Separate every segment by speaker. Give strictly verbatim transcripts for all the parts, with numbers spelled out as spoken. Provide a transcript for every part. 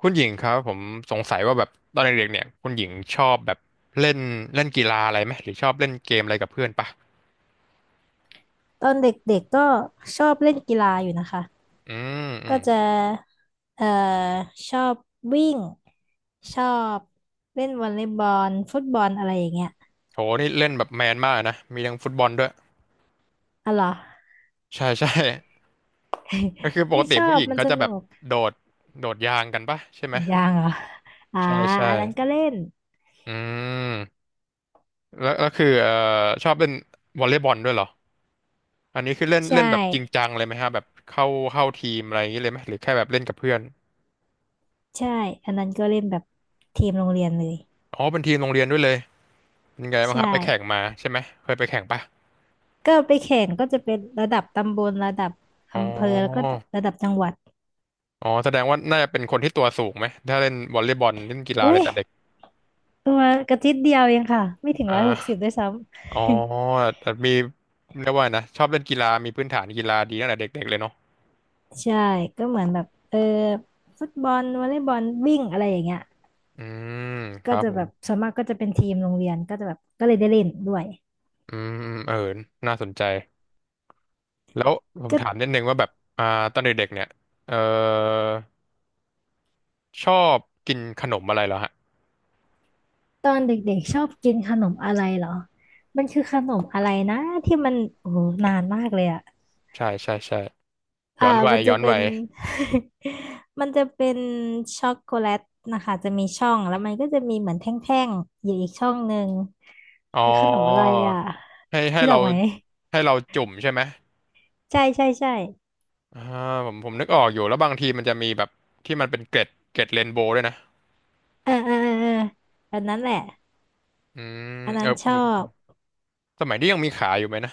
Speaker 1: คุณหญิงครับผมสงสัยว่าแบบตอนเด็กๆเนี่ยคุณหญิงชอบแบบเล่นเล่นกีฬาอะไรไหมหรือชอบเล่นเกมอะไรกับเพื่อนปะ
Speaker 2: ตอนเด็กๆก็ชอบเล่นกีฬาอยู่นะคะ
Speaker 1: อืมอื
Speaker 2: ก็
Speaker 1: ม
Speaker 2: จะเอ่อชอบวิ่งชอบเล่นวอลเลย์บอลฟุตบอลอะไรอย่างเงี้ย
Speaker 1: โหนี่เล่นแบบแมนมากนะมีทั้งฟุตบอลด้วย
Speaker 2: อ๋อเหรอ
Speaker 1: ใช่ใช่ ก็คือป ก
Speaker 2: นี่
Speaker 1: ติ
Speaker 2: ชอ
Speaker 1: ผู้
Speaker 2: บ
Speaker 1: หญิง
Speaker 2: มัน
Speaker 1: ก็
Speaker 2: ส
Speaker 1: จะแบ
Speaker 2: นุ
Speaker 1: บ
Speaker 2: ก
Speaker 1: โดดโดดยางกันปะใช่ไหม
Speaker 2: ยังเหรออ่า
Speaker 1: ใช่ใช่
Speaker 2: อันนั้นก็เล่น
Speaker 1: อืมแล้วแล้วคือเอ่อชอบเล่นวอลเลย์บอลด้วยเหรออันนี้คือเล่น
Speaker 2: ใช่
Speaker 1: เล่นแบบจริงจังเลยไหมฮะแบบเข้าเข้าทีมอะไรอย่างนี้เลยไหมหรือแค่แบบเล่นกับเพื่อน
Speaker 2: ใช่อันนั้นก็เล่นแบบทีมโรงเรียนเลย
Speaker 1: อ๋อเป็นทีมโรงเรียนด้วยเลย ยังไง
Speaker 2: ใช
Speaker 1: บ้างครับไปแข่ง
Speaker 2: ่
Speaker 1: มาใช่ไหมเคยไปแข่งปะ
Speaker 2: ก็ไปแข่งก็จะเป็นระดับตำบลระดับ
Speaker 1: อ๋
Speaker 2: อำเภอแล้วก็
Speaker 1: อ
Speaker 2: ระดับจังหวัด
Speaker 1: อ๋อแสดงว่าน่าจะเป็นคนที่ตัวสูงไหมถ้าเล่นวอลเลย์บอลเล่นกีฬาอะ
Speaker 2: อุ้
Speaker 1: ไร
Speaker 2: ย
Speaker 1: แต่เด็ก
Speaker 2: ตัวกระติดเดียวเองค่ะไม่ถึง
Speaker 1: อ่
Speaker 2: ร้อยหกสิบ
Speaker 1: า
Speaker 2: ด้วยซ้ำ
Speaker 1: อ๋อแต่มีเรียกว่าไงนะชอบเล่นกีฬามีพื้นฐานกีฬาดีตั้งแต่เด็กๆเลยเนาะ
Speaker 2: ใช่ก็เหมือนแบบเออฟุตบอลวอลเลย์บอลวิ่งอะไรอย่างเงี้ย
Speaker 1: อืมค
Speaker 2: ก็
Speaker 1: รับ
Speaker 2: จะ
Speaker 1: ผ
Speaker 2: แบ
Speaker 1: ม
Speaker 2: บส่วนมากก็จะเป็นทีมโรงเรียนก็จะแบบก็เลยได้เล่นด้วย
Speaker 1: อืมเออน่าสนใจแล้วผม
Speaker 2: ก็
Speaker 1: ถามนิดนึงว่าแบบอ่าตอนเด็กๆเนี่ยเออชอบกินขนมอะไรเหรอฮะ
Speaker 2: ตอนเด็กๆชอบกินขนมอะไรเหรอมันคือขนมอะไรนะที่มันโอ้โหนานมากเลยอ่ะ
Speaker 1: ใช่ใช่ใช่
Speaker 2: อ่า
Speaker 1: ย้อนวั
Speaker 2: มั
Speaker 1: ย
Speaker 2: นจะ
Speaker 1: ย้อน
Speaker 2: เป็
Speaker 1: วั
Speaker 2: น
Speaker 1: ย
Speaker 2: มันจะเป็นช็อกโกแลตนะคะจะมีช่องแล้วมันก็จะมีเหมือนแท่งๆอยู่อีกช่องหนึ่ง
Speaker 1: อ๋อ
Speaker 2: คือขนมอะไรอ่ะ
Speaker 1: ให้ให้
Speaker 2: คิดอ
Speaker 1: เรา
Speaker 2: อกไหม
Speaker 1: ให้เราจุ่มใช่ไหม
Speaker 2: ใช่ใช่ใช่
Speaker 1: อ่าผมผมนึกออกอยู่แล้วบางทีมันจะมีแบบที่มันเป็นเกล็ดเกล็ดเรนโบว์ด้วยนะ
Speaker 2: เออเออเออเอออันนั้นแหละ
Speaker 1: อืม
Speaker 2: อัน
Speaker 1: เอ
Speaker 2: นั้
Speaker 1: อ
Speaker 2: นช
Speaker 1: ผ
Speaker 2: อ
Speaker 1: ม
Speaker 2: บ
Speaker 1: สมัยนี้ยังมีขายอยู่ไหมนะ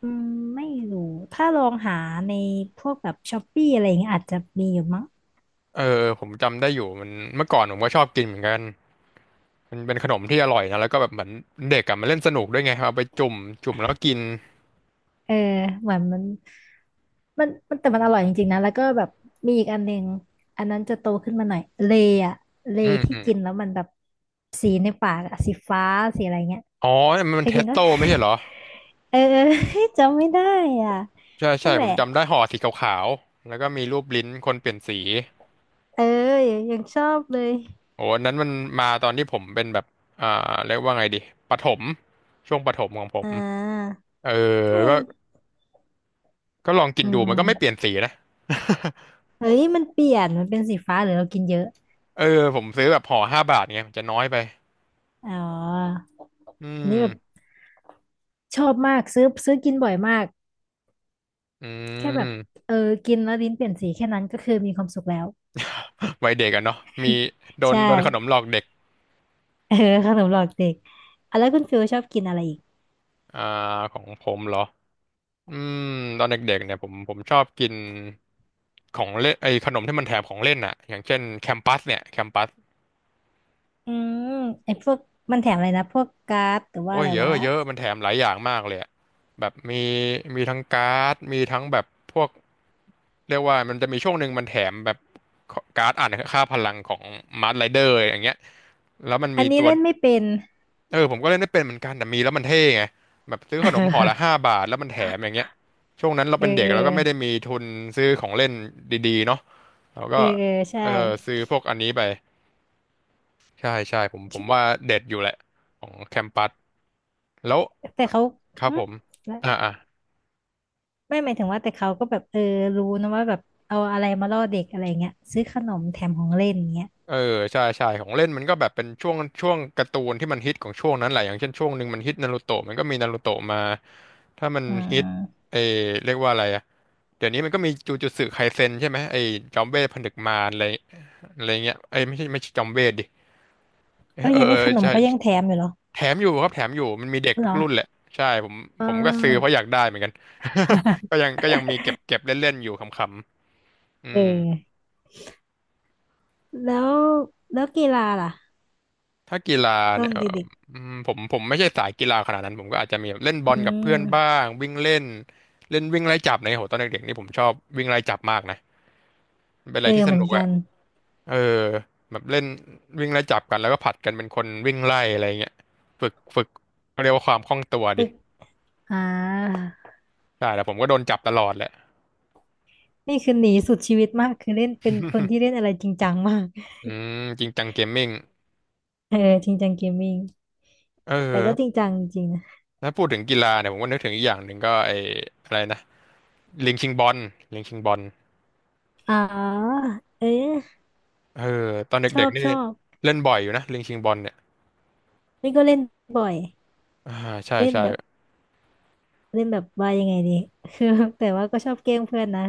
Speaker 2: อืมไม่รู้ถ้าลองหาในพวกแบบช้อปปี้อะไรอย่างเงี้ยอาจจะมีอยู่มั้ง
Speaker 1: เออเออผมจำได้อยู่มันเมื่อก่อนผมก็ชอบกินเหมือนกันมันเป็นขนมที่อร่อยนะแล้วก็แบบเหมือนเด็กอะมันเล่นสนุกด้วยไงเอาไปจุ่มจุ่มแล้วก็กิน
Speaker 2: เออเหมือนมันมันมันแต่มันอร่อยจริงๆนะ แล้วก็แบบมีอีกอันหนึงอันนั้นจะโตขึ้นมาหน่อยเลอะเล
Speaker 1: อืม
Speaker 2: ที่
Speaker 1: อืม
Speaker 2: กินแล้วมันแบบสีในปากอะสีฟ้า สีอะไรเงี้ย
Speaker 1: อ๋อมั
Speaker 2: เค
Speaker 1: น
Speaker 2: ย
Speaker 1: เท
Speaker 2: กิ
Speaker 1: ส
Speaker 2: นปะ
Speaker 1: โต้ไม่ใช่เหรอ
Speaker 2: เออ เออ จำไม่ได้อ่ะ
Speaker 1: ใช่
Speaker 2: นั่
Speaker 1: ใช่
Speaker 2: นแห
Speaker 1: ผ
Speaker 2: ละ
Speaker 1: มจำได้ห่อสีขาวๆแล้วก็มีรูปลิ้นคนเปลี่ยนสี
Speaker 2: เออยังยังชอบเลย
Speaker 1: โอ้อันนั้นมันมาตอนที่ผมเป็นแบบอ่าเรียกว่าไงดีประถมช่วงประถมของผ
Speaker 2: อ่
Speaker 1: ม
Speaker 2: า
Speaker 1: เออ
Speaker 2: ก็ยั
Speaker 1: ก็
Speaker 2: ง
Speaker 1: ก็ลองกิน
Speaker 2: อื
Speaker 1: ดูมันก็ไม่เปลี่ยน
Speaker 2: ม
Speaker 1: สีนะ
Speaker 2: เฮ้ยมันเปลี่ยนมันเป็นสีฟ้าหรือเรากินเยอะ
Speaker 1: เออผมซื้อแบบห่อห้าบาทไงมันจะน้อยไป
Speaker 2: อ๋อ
Speaker 1: อื
Speaker 2: อัน
Speaker 1: ม
Speaker 2: นี้แบบชอบมากซื้อซื้อกินบ่อยมาก
Speaker 1: อื
Speaker 2: แค่แบบ
Speaker 1: ม
Speaker 2: เออกินแล้วลิ้นเปลี่ยนสีแค่นั้นก็คือมีความสุขแล้ว
Speaker 1: วัยเด็กอะเนาะมีโดน
Speaker 2: ใช่
Speaker 1: โดนขนมหลอกเด็ก
Speaker 2: เออขนมหลอกเด็กอ่ะแล้วคุณฟิลชอบกินอะไรอีก
Speaker 1: อ่าของผมเหรออืมตอนเด็กๆเนี่ยผมผมชอบกินของเล่นไอ้ขนมที่มันแถมของเล่นอะอย่างเช่นแคมปัสเนี่ยแคมปัส
Speaker 2: อืมไอ้พวกมันแถมอะไรนะพวกการ์ดหรือว่า
Speaker 1: โอ้
Speaker 2: อะ
Speaker 1: ย
Speaker 2: ไร
Speaker 1: เยอะ
Speaker 2: วะ
Speaker 1: เยอะมันแถมหลายอย่างมากเลยอะแบบมีมีทั้งการ์ดมีทั้งแบบพวกเรียกว่ามันจะมีช่วงหนึ่งมันแถมแบบการ์ดอ่านค่าพลังของมาร์ r ไรเดอร์อย่างเงี้ยแล้วมัน
Speaker 2: อั
Speaker 1: มี
Speaker 2: นนี้
Speaker 1: ตัว
Speaker 2: เล่นไม่เป็น
Speaker 1: เออผมก็เล่นไม่เป็นเหมือนกันแต่มีแล้วมันเท่ไงแบบซื้อขนมห่อละ ห้าบาทแล้วมันแถมอย่างเงี้ยช่วงนั้นเรา
Speaker 2: เออ
Speaker 1: เป็นเด็
Speaker 2: เอ
Speaker 1: ก
Speaker 2: อ
Speaker 1: แล้วก็ไม่ได้มีทุนซื้อของเล่นดีๆเนาะเรา
Speaker 2: เอ
Speaker 1: ก็
Speaker 2: อเออเออใช่
Speaker 1: เออซื้อพวกอันนี้ไปใช่ใช่ผมผมว่าเด็ดอยู่แหละของแคมปัส แล้ว
Speaker 2: แต่เขา
Speaker 1: ครับ
Speaker 2: หึ
Speaker 1: ผม
Speaker 2: แล้
Speaker 1: อ่า
Speaker 2: ว
Speaker 1: อ่า
Speaker 2: ไม่หมายถึงว่าแต่เขาก็แบบเออรู้นะว่าแบบเอาอะไรมาล่อเด็กอะไรเงี้ยซื้อขนมแถมของเล่นเงี้ย
Speaker 1: เออใช่ใช่ของเล่นมันก็แบบเป็นช่วงช่วงการ์ตูนที่มันฮิตของช่วงนั้นแหละอย่างเช่นช่วงหนึ่งมันฮิตนารูโตะมันก็มีนารูโตะมาถ้ามัน
Speaker 2: อื
Speaker 1: ฮิต
Speaker 2: ม
Speaker 1: เออเรียกว่าอะไรอะเดี๋ยวนี้มันก็มีจูจูตสึไคเซ็นใช่ไหมไอ้จอมเวทผนึกมารอะไรอะไรเงี้ยไอ้ยไม่ใช่ไม่ใช่จอมเวทดิเออ
Speaker 2: เอ้ย
Speaker 1: เออ
Speaker 2: อันนี่ขนม
Speaker 1: ใช่
Speaker 2: ก็ยังแถมอยู่เหรอ
Speaker 1: แถมอยู่ครับแถมอยู่มันมีเด็ก
Speaker 2: เห
Speaker 1: ทุ
Speaker 2: ร
Speaker 1: ก
Speaker 2: อ
Speaker 1: รุ่นแหละใช่ผม
Speaker 2: อ่
Speaker 1: ผมก็ซื้อเพ
Speaker 2: า
Speaker 1: ราะอยากได้เหมือนกัน ก็ยั งก็ยังมีเก็บเก็บเล่นๆอยู่ขำๆอื
Speaker 2: เอ
Speaker 1: ม
Speaker 2: อแล้วแล้วกีฬาล่ะ
Speaker 1: ถ้ากีฬา
Speaker 2: ตอ
Speaker 1: เนี่
Speaker 2: น
Speaker 1: ยเอ่อ
Speaker 2: เด็ก
Speaker 1: อืมผมผมไม่ใช่สายกีฬาขนาดนั้นผมก็อาจจะมีแบบเล่นบ
Speaker 2: ๆอื
Speaker 1: อลกับ
Speaker 2: ม
Speaker 1: เพื่อนบ้างวิ่งเล่นเล่นวิ่งไล่จับในยโหตอนเด็กๆนี่ผมชอบวิ่งไล่จับมากนะมันเป็นอะ
Speaker 2: เอ
Speaker 1: ไร
Speaker 2: อ
Speaker 1: ที่ส
Speaker 2: เหมือ
Speaker 1: นุ
Speaker 2: น
Speaker 1: ก
Speaker 2: กั
Speaker 1: อะ
Speaker 2: น
Speaker 1: เออแบบเล่นวิ่งไล่จับกันแล้วก็ผลัดกันเป็นคนวิ่งไล่อะไรเงี้ยฝึกฝึกเขาเรียกว่าความคล่องตัว
Speaker 2: ฝึ
Speaker 1: ดิ
Speaker 2: กอ่า
Speaker 1: ใช่แต่ผมก็โดนจับตลอดแหละ
Speaker 2: นี่คือหนีสุดชีวิตมากคือเล่นเป็นคนที่เล่นอะไรจริงจังมาก
Speaker 1: อืมจริงจังเกมมิ่ง
Speaker 2: เออจริงจังเกมมิ่ง
Speaker 1: เอ
Speaker 2: แต่ก็จริ
Speaker 1: อ
Speaker 2: งจังจริงนะ
Speaker 1: ถ้าพูดถึงกีฬาเนี่ยผมก็นึกถึงอีกอย่างหนึ่งก็ไอ้อะไรนะลิงชิงบอลลิงชิงบอล
Speaker 2: อ๋อเออ
Speaker 1: เออตอน
Speaker 2: ช
Speaker 1: เด็
Speaker 2: อ
Speaker 1: ก
Speaker 2: บ
Speaker 1: ๆนี่
Speaker 2: ชอบ
Speaker 1: เล่นบ่อยอยู่นะลิงชิงบอลเนี่ย
Speaker 2: นี่ก็เล่นบ่อย
Speaker 1: อ่าใช่
Speaker 2: เล่น
Speaker 1: ใช่
Speaker 2: แบบ เล่นแบบว่ายังไงดี คือแต่ว่าก็ชอบแกล้งเพื่อนนะ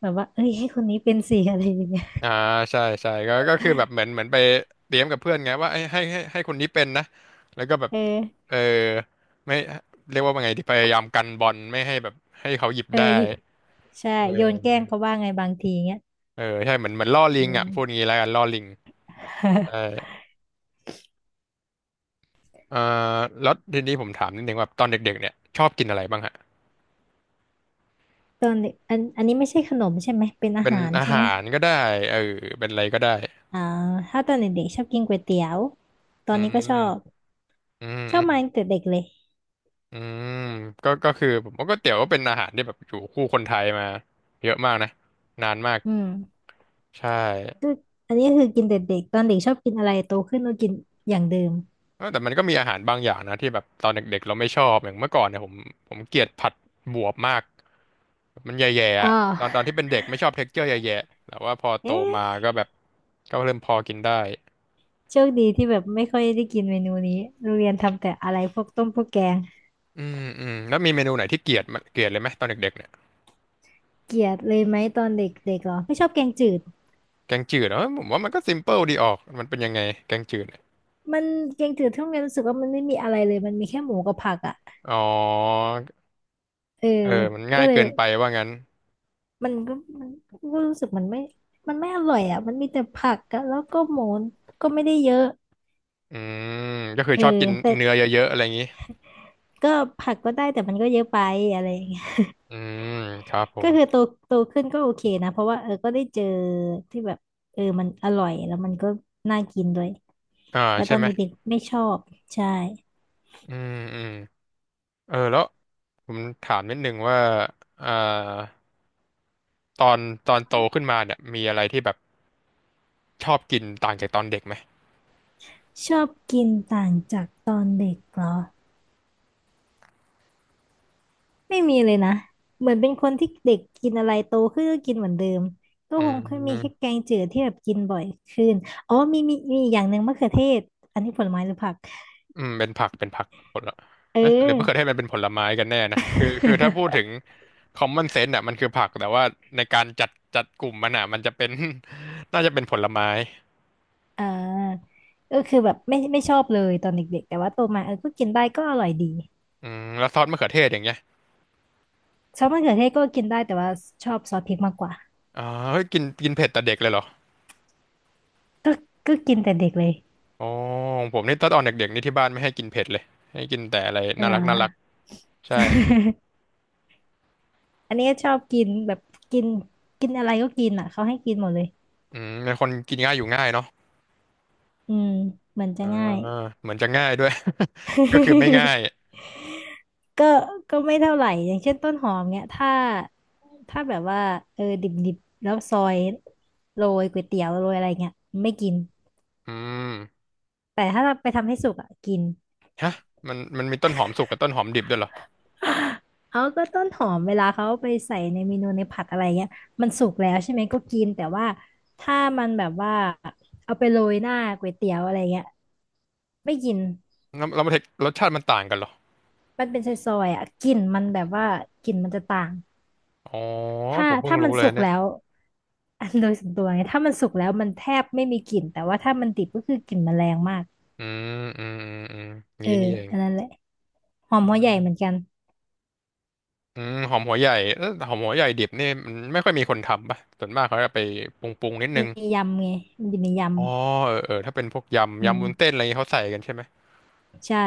Speaker 2: แบบว่าเอ้ยให้คนนี้เป็นสิอะไรอย่างเงี้ย
Speaker 1: อ่าใช่ใช่ก็ก็คือแบบเหมือนเหมือนไปเตรียมกับเพื่อนไงว่าให้ให้ให้ให้คนนี้เป็นนะแล้วก็แบบ
Speaker 2: เออ
Speaker 1: เออไม่เรียกว่าไงดีพยายามกันบอลไม่ให้แบบให้เขาหยิบ
Speaker 2: เอ
Speaker 1: ได้
Speaker 2: อใช่
Speaker 1: เอ
Speaker 2: โยนแกล้ง
Speaker 1: อ
Speaker 2: เขาว่าไงบางทีเงี้ย
Speaker 1: เออใช่เหมือนเหมือนล่อลิ
Speaker 2: อื
Speaker 1: งอ่ะ
Speaker 2: ม
Speaker 1: พูดงี้แล้วกันล่อลิงใช่ เอ่อแล้วทีนี้ผมถามนิดนึงว่าตอนเด็กๆเนี่ยชอบกินอะไรบ้างฮะ
Speaker 2: ตอนเด็กอันอันนี้ไม่ใช่ขนมใช่ไหมเป็นอา
Speaker 1: เป็น
Speaker 2: หาร
Speaker 1: อา
Speaker 2: ใช่ไหม
Speaker 1: หารก็ได้เออเป็นอะไรก็ได้
Speaker 2: อ่าถ้าตอนเด็กๆชอบกินก๋วยเตี๋ยวตอ
Speaker 1: อื
Speaker 2: น
Speaker 1: ม
Speaker 2: นี้ก็ชอบ
Speaker 1: อืม
Speaker 2: ชอ
Speaker 1: อื
Speaker 2: บ
Speaker 1: ม
Speaker 2: มาตั้งแต่เด็กเลย
Speaker 1: อืมก็ก็คือผมว่าก๋วยเตี๋ยวก็เป็นอาหารที่แบบอยู่คู่คนไทยมาเยอะมากนะนานมาก
Speaker 2: อืม
Speaker 1: ใช่
Speaker 2: ก็อันนี้คือกินแต่เด็กตอนเด็กชอบกินอะไรโตขึ้นก็กินอย่างเดิม
Speaker 1: เออแต่มันก็มีอาหารบางอย่างนะที่แบบตอนเด็กๆเราไม่ชอบอย่างเมื่อก่อนเนี่ยผมผมเกลียดผัดบวบมากมันแย่ๆ
Speaker 2: อ๋อ
Speaker 1: อะตอนตอนที่เป็นเด็กไม่ชอบเท็กเจอร์แย่ๆแต่ว่าพอ
Speaker 2: เอ
Speaker 1: โตมา
Speaker 2: ๊ะ
Speaker 1: ก็แบบก็เริ่มพอกินได้
Speaker 2: โชคดีที่แบบไม่ค่อยได้กินเมนูนี้โรงเรียนทำแต่อะไรพวกต้มพวกแกง
Speaker 1: อืมอืมแล้วมีเมนูไหนที่เกลียดมั้ยเกลียดเลยไหมตอนเด็กๆเนี่ย
Speaker 2: เกลียดเลยไหมตอนเด็กๆเหรอไม่ชอบแกงจืด
Speaker 1: แกงจืดเหรอเออผมว่ามันก็ซิมเปิลดีออกมันเป็นยังไงแกงจืดเนี่ย
Speaker 2: มันแกงจืดที่โรงเรียนรู้สึกว่ามันไม่มีอะไรเลยมันมีแค่หมูกับผักอ่ะ
Speaker 1: อ๋อ
Speaker 2: เออ
Speaker 1: เออมัน
Speaker 2: ก็
Speaker 1: ง่าย
Speaker 2: เลย
Speaker 1: เกินไปว่างั้น
Speaker 2: มันก็มันก็รู้สึกมันไม่มันไม่อร่อยอ่ะมันมีแต่ผักอะแล้วก็หมูก็ไม่ได้เยอะ
Speaker 1: อืมก็คือ
Speaker 2: เออ
Speaker 1: ชอบกิน
Speaker 2: แต่
Speaker 1: เนื้อเยอะๆอะไรอย่างนี้
Speaker 2: ก็ผักก็ได้แต่มันก็เยอะไปอะไรอย่างเงี้ย
Speaker 1: อืมครับผ
Speaker 2: ก็
Speaker 1: ม
Speaker 2: คือโตโตขึ้นก็โอเคนะเพราะว่าเออก็ได้เจอที่แบบเออมันอร่อยแล้วมันก็น่ากินด้วย
Speaker 1: อ่า
Speaker 2: แต่
Speaker 1: ใช่
Speaker 2: ตอน
Speaker 1: ไหม
Speaker 2: เด็กๆไม่ชอบใช่
Speaker 1: อืมอืมเออแล้วผมถามนิดนึงว่าอ่าตอนตอนโตขึ้นมาเนี่ยมีอะไรที่แบบชอบกินต่างจากตอนเด็กไหม
Speaker 2: ชอบกินต่างจากตอนเด็กเหรอ ไม่มีเลยนะ เหมือนเป็นคนที่เด็กกินอะไรโตขึ้นก็กินเหมือนเดิมก็
Speaker 1: อื
Speaker 2: คงเคยมีแค่
Speaker 1: ม
Speaker 2: แกงจืดที่แบบกินบ่อยขึ้นอ๋อมีมีมีอีกอย่างหนึ่งมะเขือเทศอันนี้ผลไม้หรือผัก
Speaker 1: อืมเป็นผักเป็นผักผลละ
Speaker 2: เอ
Speaker 1: เอ๊ะหรือมะเขือเท
Speaker 2: อ
Speaker 1: ศมันเป็นผลไม้กันแน่นะคือคือถ้าพูดถึ ง common sense อ่ะมันคือผักแต่ว่าในการจัดจัดกลุ่มมันอ่ะมันจะเป็น น่าจะเป็นผลไม้
Speaker 2: อ่าก็คือแบบไม่ไม่ชอบเลยตอนเด็กๆแต่ว่าโตมาเออก็กินได้ก็อร่อยดี
Speaker 1: อืมแล้วซอสมะเขือเทศอย่างเงี้ย
Speaker 2: ชอบมะเขือเทศก็กินได้แต่ว่าชอบซอสพริกมากกว่า
Speaker 1: อ๋อเฮ้ยกินกินเผ็ดแต่เด็กเลยเหรอ
Speaker 2: ก็ก็กินแต่เด็กเลย
Speaker 1: อ๋อของผมนี่ตอนตอนเด็กๆนี่ที่บ้านไม่ให้กินเผ็ดเลยให้กินแต่อะไรน่า
Speaker 2: เหรอ
Speaker 1: รักน่ารักใช่
Speaker 2: อันนี้ก็ชอบกินแบบกินกินอะไรก็กินอ่ะเขาให้กินหมดเลย
Speaker 1: อืมเป็นคนกินง่ายอยู่ง่ายเนาะ
Speaker 2: อืมเหมือนจะ
Speaker 1: อ่า
Speaker 2: ง่าย
Speaker 1: เหมือนจะง่ายด้วย ก็คือไม่ง่าย
Speaker 2: ก็ก็ไม่เท่าไหร่อย่างเช่นต้นหอมเนี้ยถ้าถ้าแบบว่าเออดิบดิบแล้วซอยโรยก๋วยเตี๋ยวโรยอะไรเงี้ยไม่กิน
Speaker 1: อืม
Speaker 2: แต่ถ้าเราไปทำให้สุกอ่ะกิน
Speaker 1: ฮะมันมันมีต้นหอมสุกกับต้นหอมดิบด้วยเหรอ
Speaker 2: เอาก็ต้นหอมเวลาเขาเอาไปใส่ในเมนูในผัดอะไรเงี้ยมันสุกแล้วใช่ไหมก็กินแต่ว่าถ้ามันแบบว่าเอาไปโรยหน้าก๋วยเตี๋ยวอะไรเงี้ยไม่กิน
Speaker 1: แล้วแล้วรสรสชาติมันต่างกันเหรอ
Speaker 2: มันเป็นซอยๆอ่ะกลิ่นมันแบบว่ากลิ่นมันจะต่าง
Speaker 1: อ๋อ
Speaker 2: ถ้า
Speaker 1: ผมเพิ่ง
Speaker 2: ถ้ามั
Speaker 1: รู้
Speaker 2: น
Speaker 1: เลย
Speaker 2: สุก
Speaker 1: เนี่ย
Speaker 2: แล้ว อันโดยส่วนตัวไงถ้ามันสุกแล้วมันแทบไม่มีกลิ่นแต่ว่าถ้ามันดิบก็คือกลิ่นมันแรงมาก
Speaker 1: อืมอืมอืมอืม
Speaker 2: เอ
Speaker 1: งี้
Speaker 2: อ
Speaker 1: นี่เอง
Speaker 2: อันนั้นแหละหอมหัวใหญ่เหมือนกัน
Speaker 1: อืมหอมหัวใหญ่เอ้อหอมหัวใหญ่ดิบนี่มันไม่ค่อยมีคนทำป่ะส่วนมากเขาจะไปปรุงปรุงนิด
Speaker 2: ใน
Speaker 1: นึง
Speaker 2: ยำไงมันอยู่ในย
Speaker 1: อ๋อเออเออถ้าเป็นพวก
Speaker 2: ำอื
Speaker 1: ยำ
Speaker 2: ม
Speaker 1: ยำวุ้นเส้นอะไรอย่างงี้เขาใส่กันใช่ไหม
Speaker 2: ใช่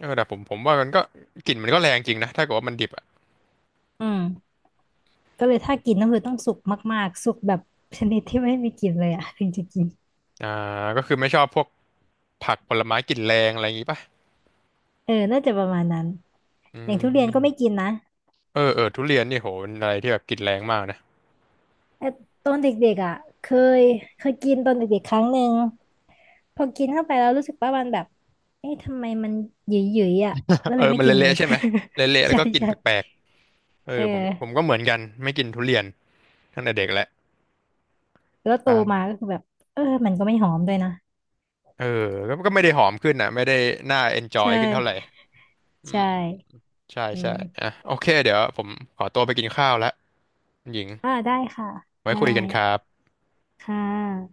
Speaker 1: เออแต่ผมผมว่ามันก็กลิ่นมันก็แรงจริงนะถ้าเกิดว่ามันดิบอ่ะ
Speaker 2: อืมก็เลยถ้ากินก็คือต้องสุกมากๆสุกแบบชนิดที่ไม่มีกลิ่นเลยอะ ถึงจะกิน
Speaker 1: อ่าก็คือไม่ชอบพวกผักผลไม้กลิ่นแรงอะไรอย่างงี้ป่ะ
Speaker 2: เออน่าจะประมาณนั้น
Speaker 1: อื
Speaker 2: อย่างทุเรียนก็ไม่
Speaker 1: ม
Speaker 2: กินนะ
Speaker 1: เออเออทุเรียนนี่โหเป็นอะไรที่แบบกลิ่นแรงมากนะ
Speaker 2: แตตอนเด็กๆอ่ะเคยเคยกินตอนเด็กๆครั้งหนึ่ง พอกินเข้าไปแล้วรู้สึกว่ามันแบบเอ๊ะทำไมมันหยุยหยๆอ่ะก็
Speaker 1: เอ
Speaker 2: เลย
Speaker 1: อ
Speaker 2: ไม่
Speaker 1: มัน
Speaker 2: กินเล
Speaker 1: เละ
Speaker 2: ย
Speaker 1: ๆใช่ไหมเละๆ แล้
Speaker 2: ใช่
Speaker 1: วก็กลิ่น
Speaker 2: ใช่
Speaker 1: แปลกๆเอ
Speaker 2: เอ
Speaker 1: อ
Speaker 2: อ
Speaker 1: ผมผมก็เหมือนกันไม่กินทุเรียนตั้งแต่เด็กแหละ
Speaker 2: แล้วโตมา
Speaker 1: ใช่
Speaker 2: ก็คือแบบ เออ มันก็ไม่หอมด้วยนะ
Speaker 1: เออก็ก็ไม่ได้หอมขึ้นอ่ะไม่ได้น่าเอนจอย
Speaker 2: ใช่
Speaker 1: ขึ้นเท่าไหร่อื
Speaker 2: ใช่
Speaker 1: มใช่
Speaker 2: อื
Speaker 1: ใช่อ่ะ
Speaker 2: ม
Speaker 1: โอเคเดี๋ยวผมขอตัวไปกินข้าวละคุณหญิง
Speaker 2: อ่าได้ค่ะ
Speaker 1: ไว้
Speaker 2: ได้
Speaker 1: คุยกันครับ
Speaker 2: ค่ะ